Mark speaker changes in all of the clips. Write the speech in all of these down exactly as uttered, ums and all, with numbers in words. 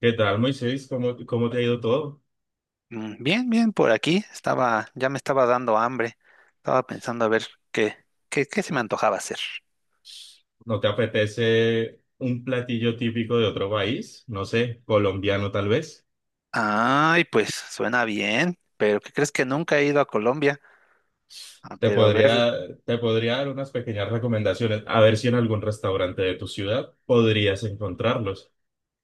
Speaker 1: ¿Qué tal, Moisés? ¿Cómo, cómo te ha ido todo?
Speaker 2: Mm, Bien, bien, por aquí estaba, ya me estaba dando hambre. Estaba pensando a ver qué, qué, qué se me antojaba hacer.
Speaker 1: ¿No te apetece un platillo típico de otro país? No sé, colombiano tal vez.
Speaker 2: Ay, pues suena bien, pero ¿qué crees que nunca he ido a Colombia? Ah,
Speaker 1: Te
Speaker 2: pero a ver,
Speaker 1: podría, te podría dar unas pequeñas recomendaciones, a ver si en algún restaurante de tu ciudad podrías encontrarlos.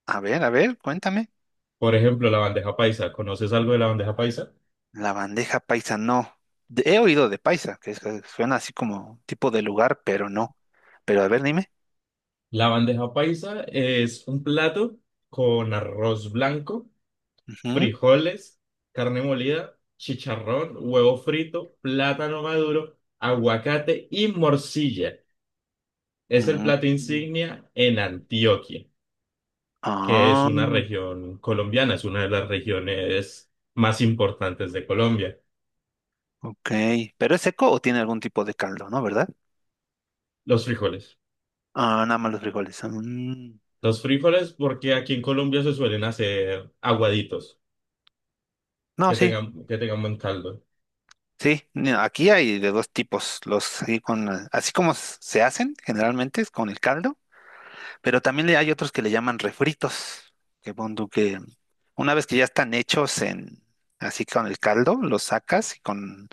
Speaker 2: a ver, a ver, cuéntame.
Speaker 1: Por ejemplo, la bandeja paisa. ¿Conoces algo de la bandeja paisa?
Speaker 2: La bandeja paisa no. De- He oído de paisa, que es- que suena así como tipo de lugar, pero no. Pero a ver, dime.
Speaker 1: La bandeja paisa es un plato con arroz blanco,
Speaker 2: Ujú,
Speaker 1: frijoles, carne molida, chicharrón, huevo frito, plátano maduro, aguacate y morcilla. Es el
Speaker 2: ujú.
Speaker 1: plato insignia en Antioquia, que es
Speaker 2: Ah,
Speaker 1: una región colombiana, es una de las regiones más importantes de Colombia.
Speaker 2: ok. ¿Pero es seco o tiene algún tipo de caldo, no, verdad?
Speaker 1: Los frijoles.
Speaker 2: Ah, nada más los frijoles. Ah, Mm.
Speaker 1: Los frijoles porque aquí en Colombia se suelen hacer aguaditos,
Speaker 2: No,
Speaker 1: que
Speaker 2: sí.
Speaker 1: tengan, que tengan buen caldo.
Speaker 2: Sí, ni- aquí hay de dos tipos, los así con eh, así como s- se hacen generalmente es con el caldo, pero también le- hay otros que le llaman refritos, que pon tú que una vez que ya están hechos en así con el caldo, los sacas y con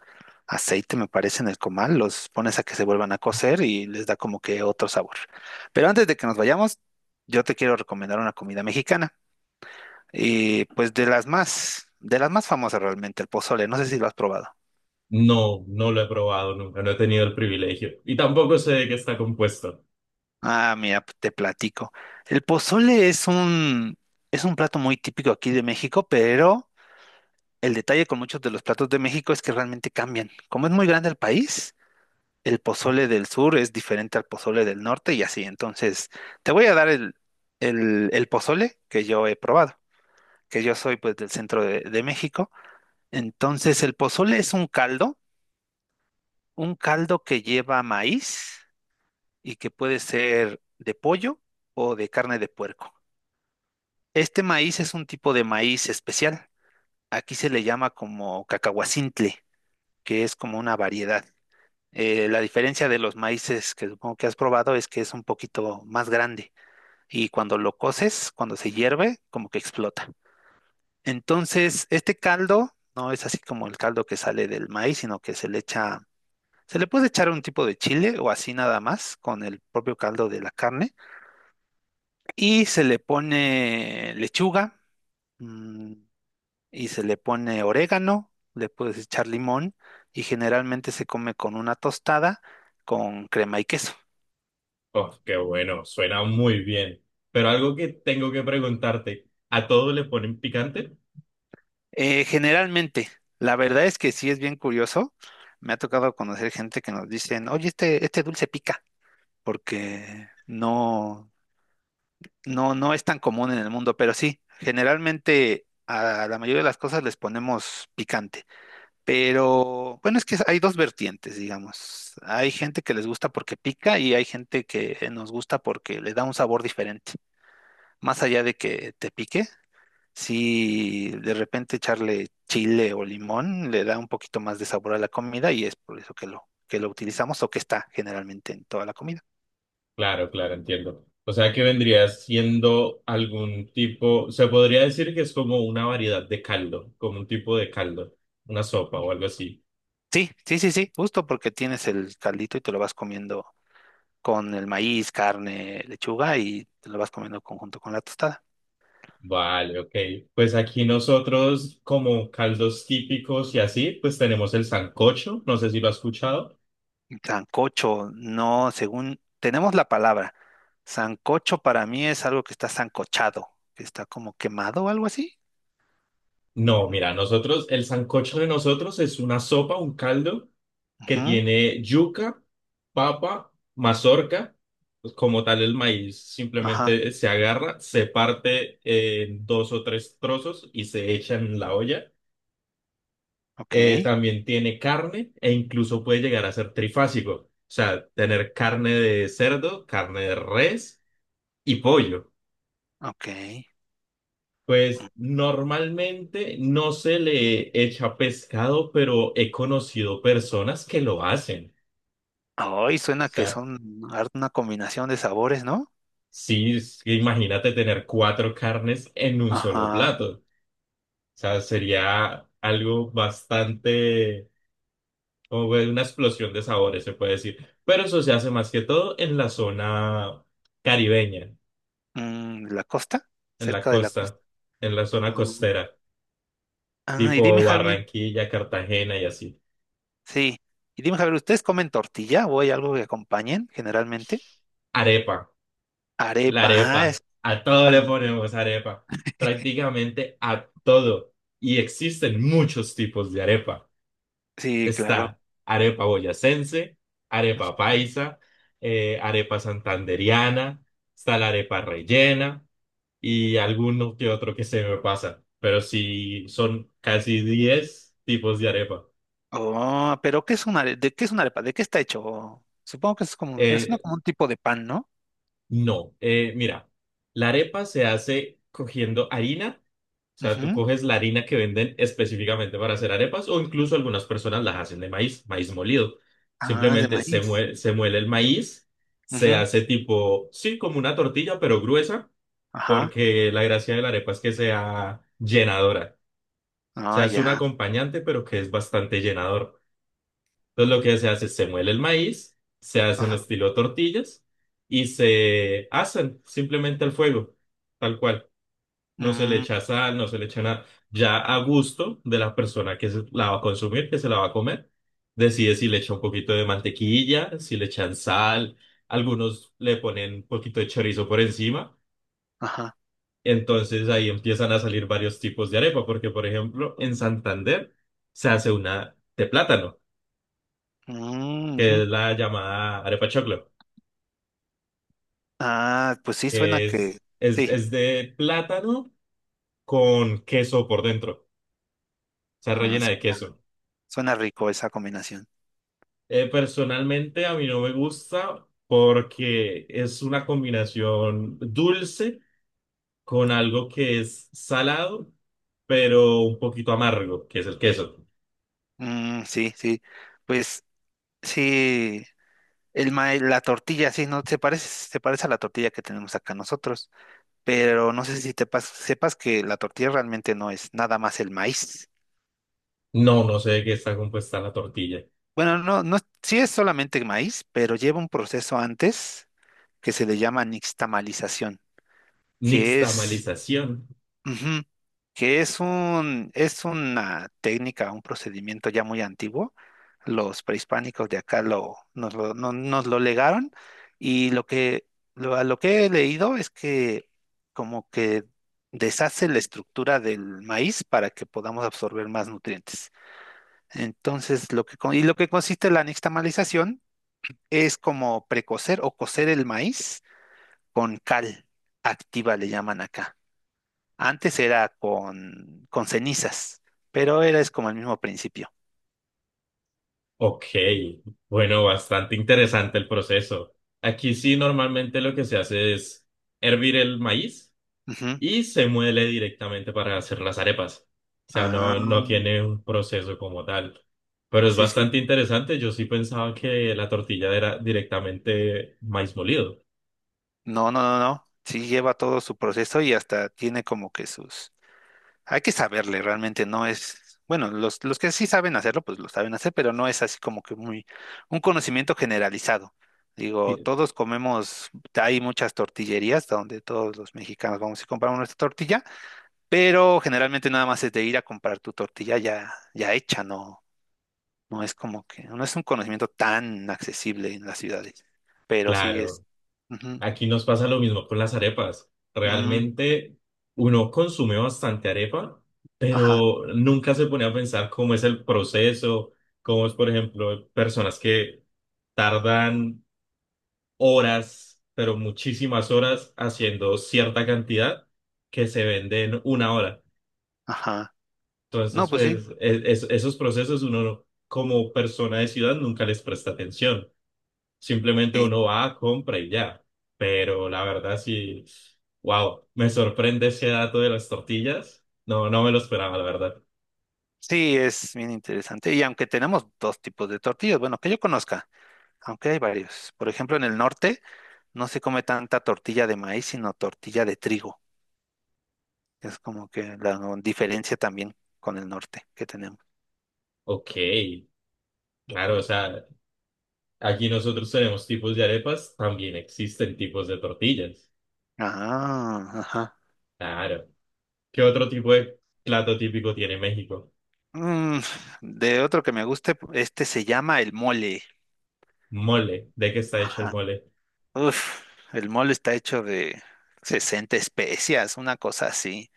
Speaker 2: aceite me parece en el comal, los pones a que se vuelvan a cocer y les da como que otro sabor. Pero antes de que nos vayamos, yo te quiero recomendar una comida mexicana y pues de las más de las más famosas realmente, el pozole, no sé si lo has probado.
Speaker 1: No, no lo he probado nunca, no he tenido el privilegio y tampoco sé de qué está compuesto.
Speaker 2: Ah, mira, te platico. El pozole es un, Es un plato muy típico aquí de México, pero el detalle con muchos de los platos de México es que realmente cambian. Como es muy grande el país, el pozole del sur es diferente al pozole del norte y así. Entonces, te voy a dar el, el, el pozole que yo he probado, que yo soy pues del centro de, de México. Entonces, el pozole es un caldo, un caldo que lleva maíz y que puede ser de pollo o de carne de puerco. Este maíz es un tipo de maíz especial. Aquí se le llama como cacahuacintle, que es como una variedad. Eh, la diferencia de los maíces que supongo que has probado es que es un poquito más grande y cuando lo coces, cuando se hierve, como que explota. Entonces, este caldo no es así como el caldo que sale del maíz, sino que se le echa, se le puede echar un tipo de chile o así nada más con el propio caldo de la carne y se le pone lechuga. mm, y se le pone orégano, le puedes echar limón y generalmente se come con una tostada con crema y queso.
Speaker 1: Oh, qué bueno, suena muy bien. Pero algo que tengo que preguntarte, ¿a todo le ponen picante?
Speaker 2: Eh, generalmente, la verdad es que sí es bien curioso. Me ha tocado conocer gente que nos dicen, oye, este, este dulce pica, porque no, no, no es tan común en el mundo, pero sí, generalmente a la mayoría de las cosas les ponemos picante. Pero bueno, es que hay dos vertientes, digamos. Hay gente que les gusta porque pica y hay gente que nos gusta porque le da un sabor diferente. Más allá de que te pique, si de repente echarle chile o limón le da un poquito más de sabor a la comida y es por eso que lo, que lo utilizamos o que está generalmente en toda la comida.
Speaker 1: Claro, claro, entiendo. O sea que vendría siendo algún tipo, se podría decir que es como una variedad de caldo, como un tipo de caldo, una sopa o algo así.
Speaker 2: Sí, sí, sí, sí, justo porque tienes el caldito y te lo vas comiendo con el maíz, carne, lechuga y te lo vas comiendo conjunto con la tostada.
Speaker 1: Vale, ok. Pues aquí nosotros como caldos típicos y así, pues tenemos el sancocho, no sé si lo has escuchado.
Speaker 2: Sancocho, no, según tenemos la palabra. Sancocho para mí es algo que está sancochado, que está como quemado o algo así.
Speaker 1: No,
Speaker 2: Mm,
Speaker 1: mira, nosotros, el sancocho de nosotros es una sopa, un caldo que
Speaker 2: ujú,
Speaker 1: tiene yuca, papa, mazorca, pues como tal el maíz
Speaker 2: Ajá,
Speaker 1: simplemente se agarra, se parte en dos o tres trozos y se echa en la olla.
Speaker 2: ok,
Speaker 1: Eh, también tiene carne e incluso puede llegar a ser trifásico, o sea, tener carne de cerdo, carne de res y pollo.
Speaker 2: ok.
Speaker 1: Pues
Speaker 2: Mm.
Speaker 1: normalmente no se le echa pescado, pero he conocido personas que lo hacen.
Speaker 2: Ay,
Speaker 1: O
Speaker 2: suena que
Speaker 1: sea,
Speaker 2: son har- una combinación de sabores, ¿no?
Speaker 1: sí, es que imagínate tener cuatro carnes en un solo
Speaker 2: Ajá.
Speaker 1: plato. O sea, sería algo bastante, como fue una explosión de sabores, se puede decir. Pero eso se hace más que todo en la zona caribeña,
Speaker 2: Mm, ¿la costa?
Speaker 1: en la
Speaker 2: Cerca de la costa.
Speaker 1: costa, en la zona
Speaker 2: Ah,
Speaker 1: costera,
Speaker 2: Ah, y dime,
Speaker 1: tipo
Speaker 2: Javier,
Speaker 1: Barranquilla, Cartagena y así.
Speaker 2: sí. Y dime, Javier, ¿ustedes comen tortilla o hay algo que acompañen generalmente?
Speaker 1: Arepa. La
Speaker 2: Arepa, ah,
Speaker 1: arepa,
Speaker 2: es
Speaker 1: a
Speaker 2: un
Speaker 1: todo le
Speaker 2: pan.
Speaker 1: ponemos arepa, prácticamente a todo. Y existen muchos tipos de arepa.
Speaker 2: Sí, claro.
Speaker 1: Está arepa boyacense, arepa paisa, eh, arepa santandereana, está la arepa rellena y alguno que otro que se me pasa. Pero sí, son casi diez tipos de arepa.
Speaker 2: Oh, pero ¿qué es una, are- de qué es una arepa? ¿De qué está hecho? Supongo que es como, me suena
Speaker 1: Eh,
Speaker 2: como un tipo de pan, ¿no?
Speaker 1: no, eh, mira, la arepa se hace cogiendo harina. O sea, tú
Speaker 2: Ujú.
Speaker 1: coges la harina que venden específicamente para hacer arepas o incluso algunas personas las hacen de maíz, maíz molido.
Speaker 2: Ah, de
Speaker 1: Simplemente se
Speaker 2: maíz.
Speaker 1: muele, se muele el maíz, se
Speaker 2: Ujú.
Speaker 1: hace tipo, sí, como una tortilla, pero gruesa,
Speaker 2: Ajá.
Speaker 1: porque la gracia de la arepa es que sea llenadora. O
Speaker 2: Ah,
Speaker 1: sea, es un
Speaker 2: ya.
Speaker 1: acompañante, pero que es bastante llenador. Entonces lo que se hace es se muele el maíz, se hacen
Speaker 2: Ajá.
Speaker 1: estilo tortillas y se hacen simplemente al fuego, tal cual, no se le
Speaker 2: Mm,
Speaker 1: echa sal, no se le echa nada. Ya a gusto de la persona que se la va a consumir, que se la va a comer, decide si le echa un poquito de mantequilla, si le echan sal, algunos le ponen un poquito de chorizo por encima.
Speaker 2: ajá.
Speaker 1: Entonces ahí empiezan a salir varios tipos de arepa, porque por ejemplo en Santander se hace una de plátano,
Speaker 2: Mm,
Speaker 1: que
Speaker 2: ujú.
Speaker 1: es la llamada arepa choclo.
Speaker 2: Ah, pues sí, suena
Speaker 1: Es,
Speaker 2: que,
Speaker 1: es,
Speaker 2: sí,
Speaker 1: es de plátano con queso por dentro, o sea,
Speaker 2: Ah,
Speaker 1: rellena de
Speaker 2: suena,
Speaker 1: queso.
Speaker 2: suena rico esa combinación.
Speaker 1: Eh, personalmente a mí no me gusta porque es una combinación dulce con algo que es salado, pero un poquito amargo, que es el queso.
Speaker 2: Mm, sí, sí. Pues sí, el maíz, la tortilla, sí, no, se parece, se parece a la tortilla que tenemos acá nosotros, pero no sé si te pas- sepas que la tortilla realmente no es nada más el maíz.
Speaker 1: No, no sé de qué está compuesta la tortilla.
Speaker 2: Bueno, no, no, sí es solamente maíz, pero lleva un proceso antes que se le llama nixtamalización, que es,
Speaker 1: Nixtamalización.
Speaker 2: ujú, que es un, es una técnica, un procedimiento ya muy antiguo. Los prehispánicos de acá lo, nos lo, no- nos lo legaron y lo que, lo, a lo que he leído es que como que deshace la estructura del maíz para que podamos absorber más nutrientes. Entonces, lo que, con- y lo que consiste la nixtamalización es como precocer o cocer el maíz con cal activa, le llaman acá. Antes era con, con cenizas, pero era es como el mismo principio.
Speaker 1: Ok, bueno, bastante interesante el proceso. Aquí sí normalmente lo que se hace es hervir el maíz
Speaker 2: Ujú.
Speaker 1: y se muele directamente para hacer las arepas. O sea,
Speaker 2: Ah,
Speaker 1: no, no tiene un proceso como tal. Pero es
Speaker 2: sí, sí.
Speaker 1: bastante interesante. Yo sí pensaba que la tortilla era directamente maíz molido.
Speaker 2: No, no, no, no. Sí lleva todo su proceso y hasta tiene como que sus Hay que saberle, realmente no es, bueno, los, los que sí saben hacerlo, pues lo saben hacer, pero no es así como que muy, un conocimiento generalizado. Digo, todos comemos, hay muchas tortillerías donde todos los mexicanos vamos y compramos nuestra tortilla, pero generalmente nada más es de ir a comprar tu tortilla ya, ya hecha, no, no es como que, no es un conocimiento tan accesible en las ciudades, pero sí es.
Speaker 1: Claro.
Speaker 2: Ujú,
Speaker 1: Aquí nos pasa lo mismo con las arepas.
Speaker 2: mm,
Speaker 1: Realmente uno consume bastante arepa,
Speaker 2: ajá,
Speaker 1: pero nunca se pone a pensar cómo es el proceso, cómo es, por ejemplo, personas que tardan horas, pero muchísimas horas haciendo cierta cantidad que se vende en una hora.
Speaker 2: ajá. No,
Speaker 1: Entonces,
Speaker 2: pues sí.
Speaker 1: pues, e- es- esos procesos uno como persona de ciudad nunca les presta atención. Simplemente
Speaker 2: Sí.
Speaker 1: uno va, compra y ya. Pero la verdad sí, wow, me sorprende ese dato de las tortillas. No, no me lo esperaba, la verdad.
Speaker 2: Sí, es bien interesante. Y aunque tenemos dos tipos de tortillas, bueno, que yo conozca, aunque hay varios. Por ejemplo, en el norte no se come tanta tortilla de maíz, sino tortilla de trigo. Es como que la no, diferencia también con el norte que tenemos.
Speaker 1: Ok, claro,
Speaker 2: Ujú.
Speaker 1: o sea, aquí nosotros tenemos tipos de arepas, también existen tipos de tortillas.
Speaker 2: Ah, ajá.
Speaker 1: Claro. ¿Qué otro tipo de plato típico tiene México?
Speaker 2: Mm, de otro que me guste, este se llama el mole.
Speaker 1: Mole. ¿De qué está hecho el
Speaker 2: Ajá.
Speaker 1: mole?
Speaker 2: Uf, el mole está hecho de sesenta especias, una cosa así.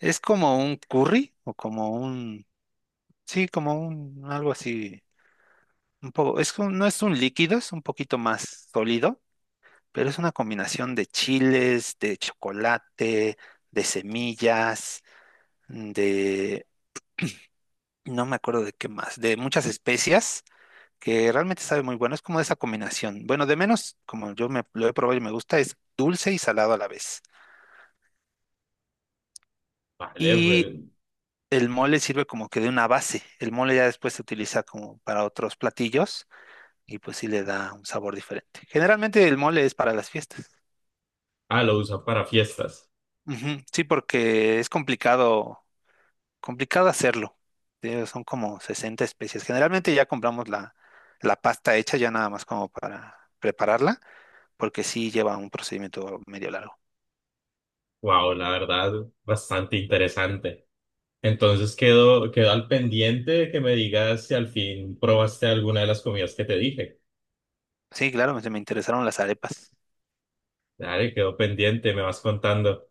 Speaker 2: Es como un curry o como un Sí, como un algo así, un poco, es que no es un líquido, es un poquito más sólido, pero es una combinación de chiles, de chocolate, de semillas, mm, de no me acuerdo de qué más, de muchas especias que realmente sabe muy bueno, es como esa combinación. Bueno, de menos, como yo me lo he probado y me gusta, es dulce y salado a la vez.
Speaker 1: Vale,
Speaker 2: Y
Speaker 1: pues,
Speaker 2: el mole sirve como que de una base. El mole ya después se utiliza como para otros platillos y pues sí le da un sabor diferente. Generalmente el mole es para las fiestas.
Speaker 1: ah, lo usan para fiestas.
Speaker 2: Ujú, Sí, porque es complicado, complicado hacerlo. Eh, Son como sesenta especies. Generalmente ya compramos la, la pasta hecha ya nada más como para prepararla, porque sí lleva un procedimiento medio largo.
Speaker 1: Wow, la verdad, bastante interesante. Entonces quedo, quedo al pendiente de que me digas si al fin probaste alguna de las comidas que te dije.
Speaker 2: Sí, claro, me, me interesaron las arepas.
Speaker 1: Dale, quedo pendiente, me vas contando.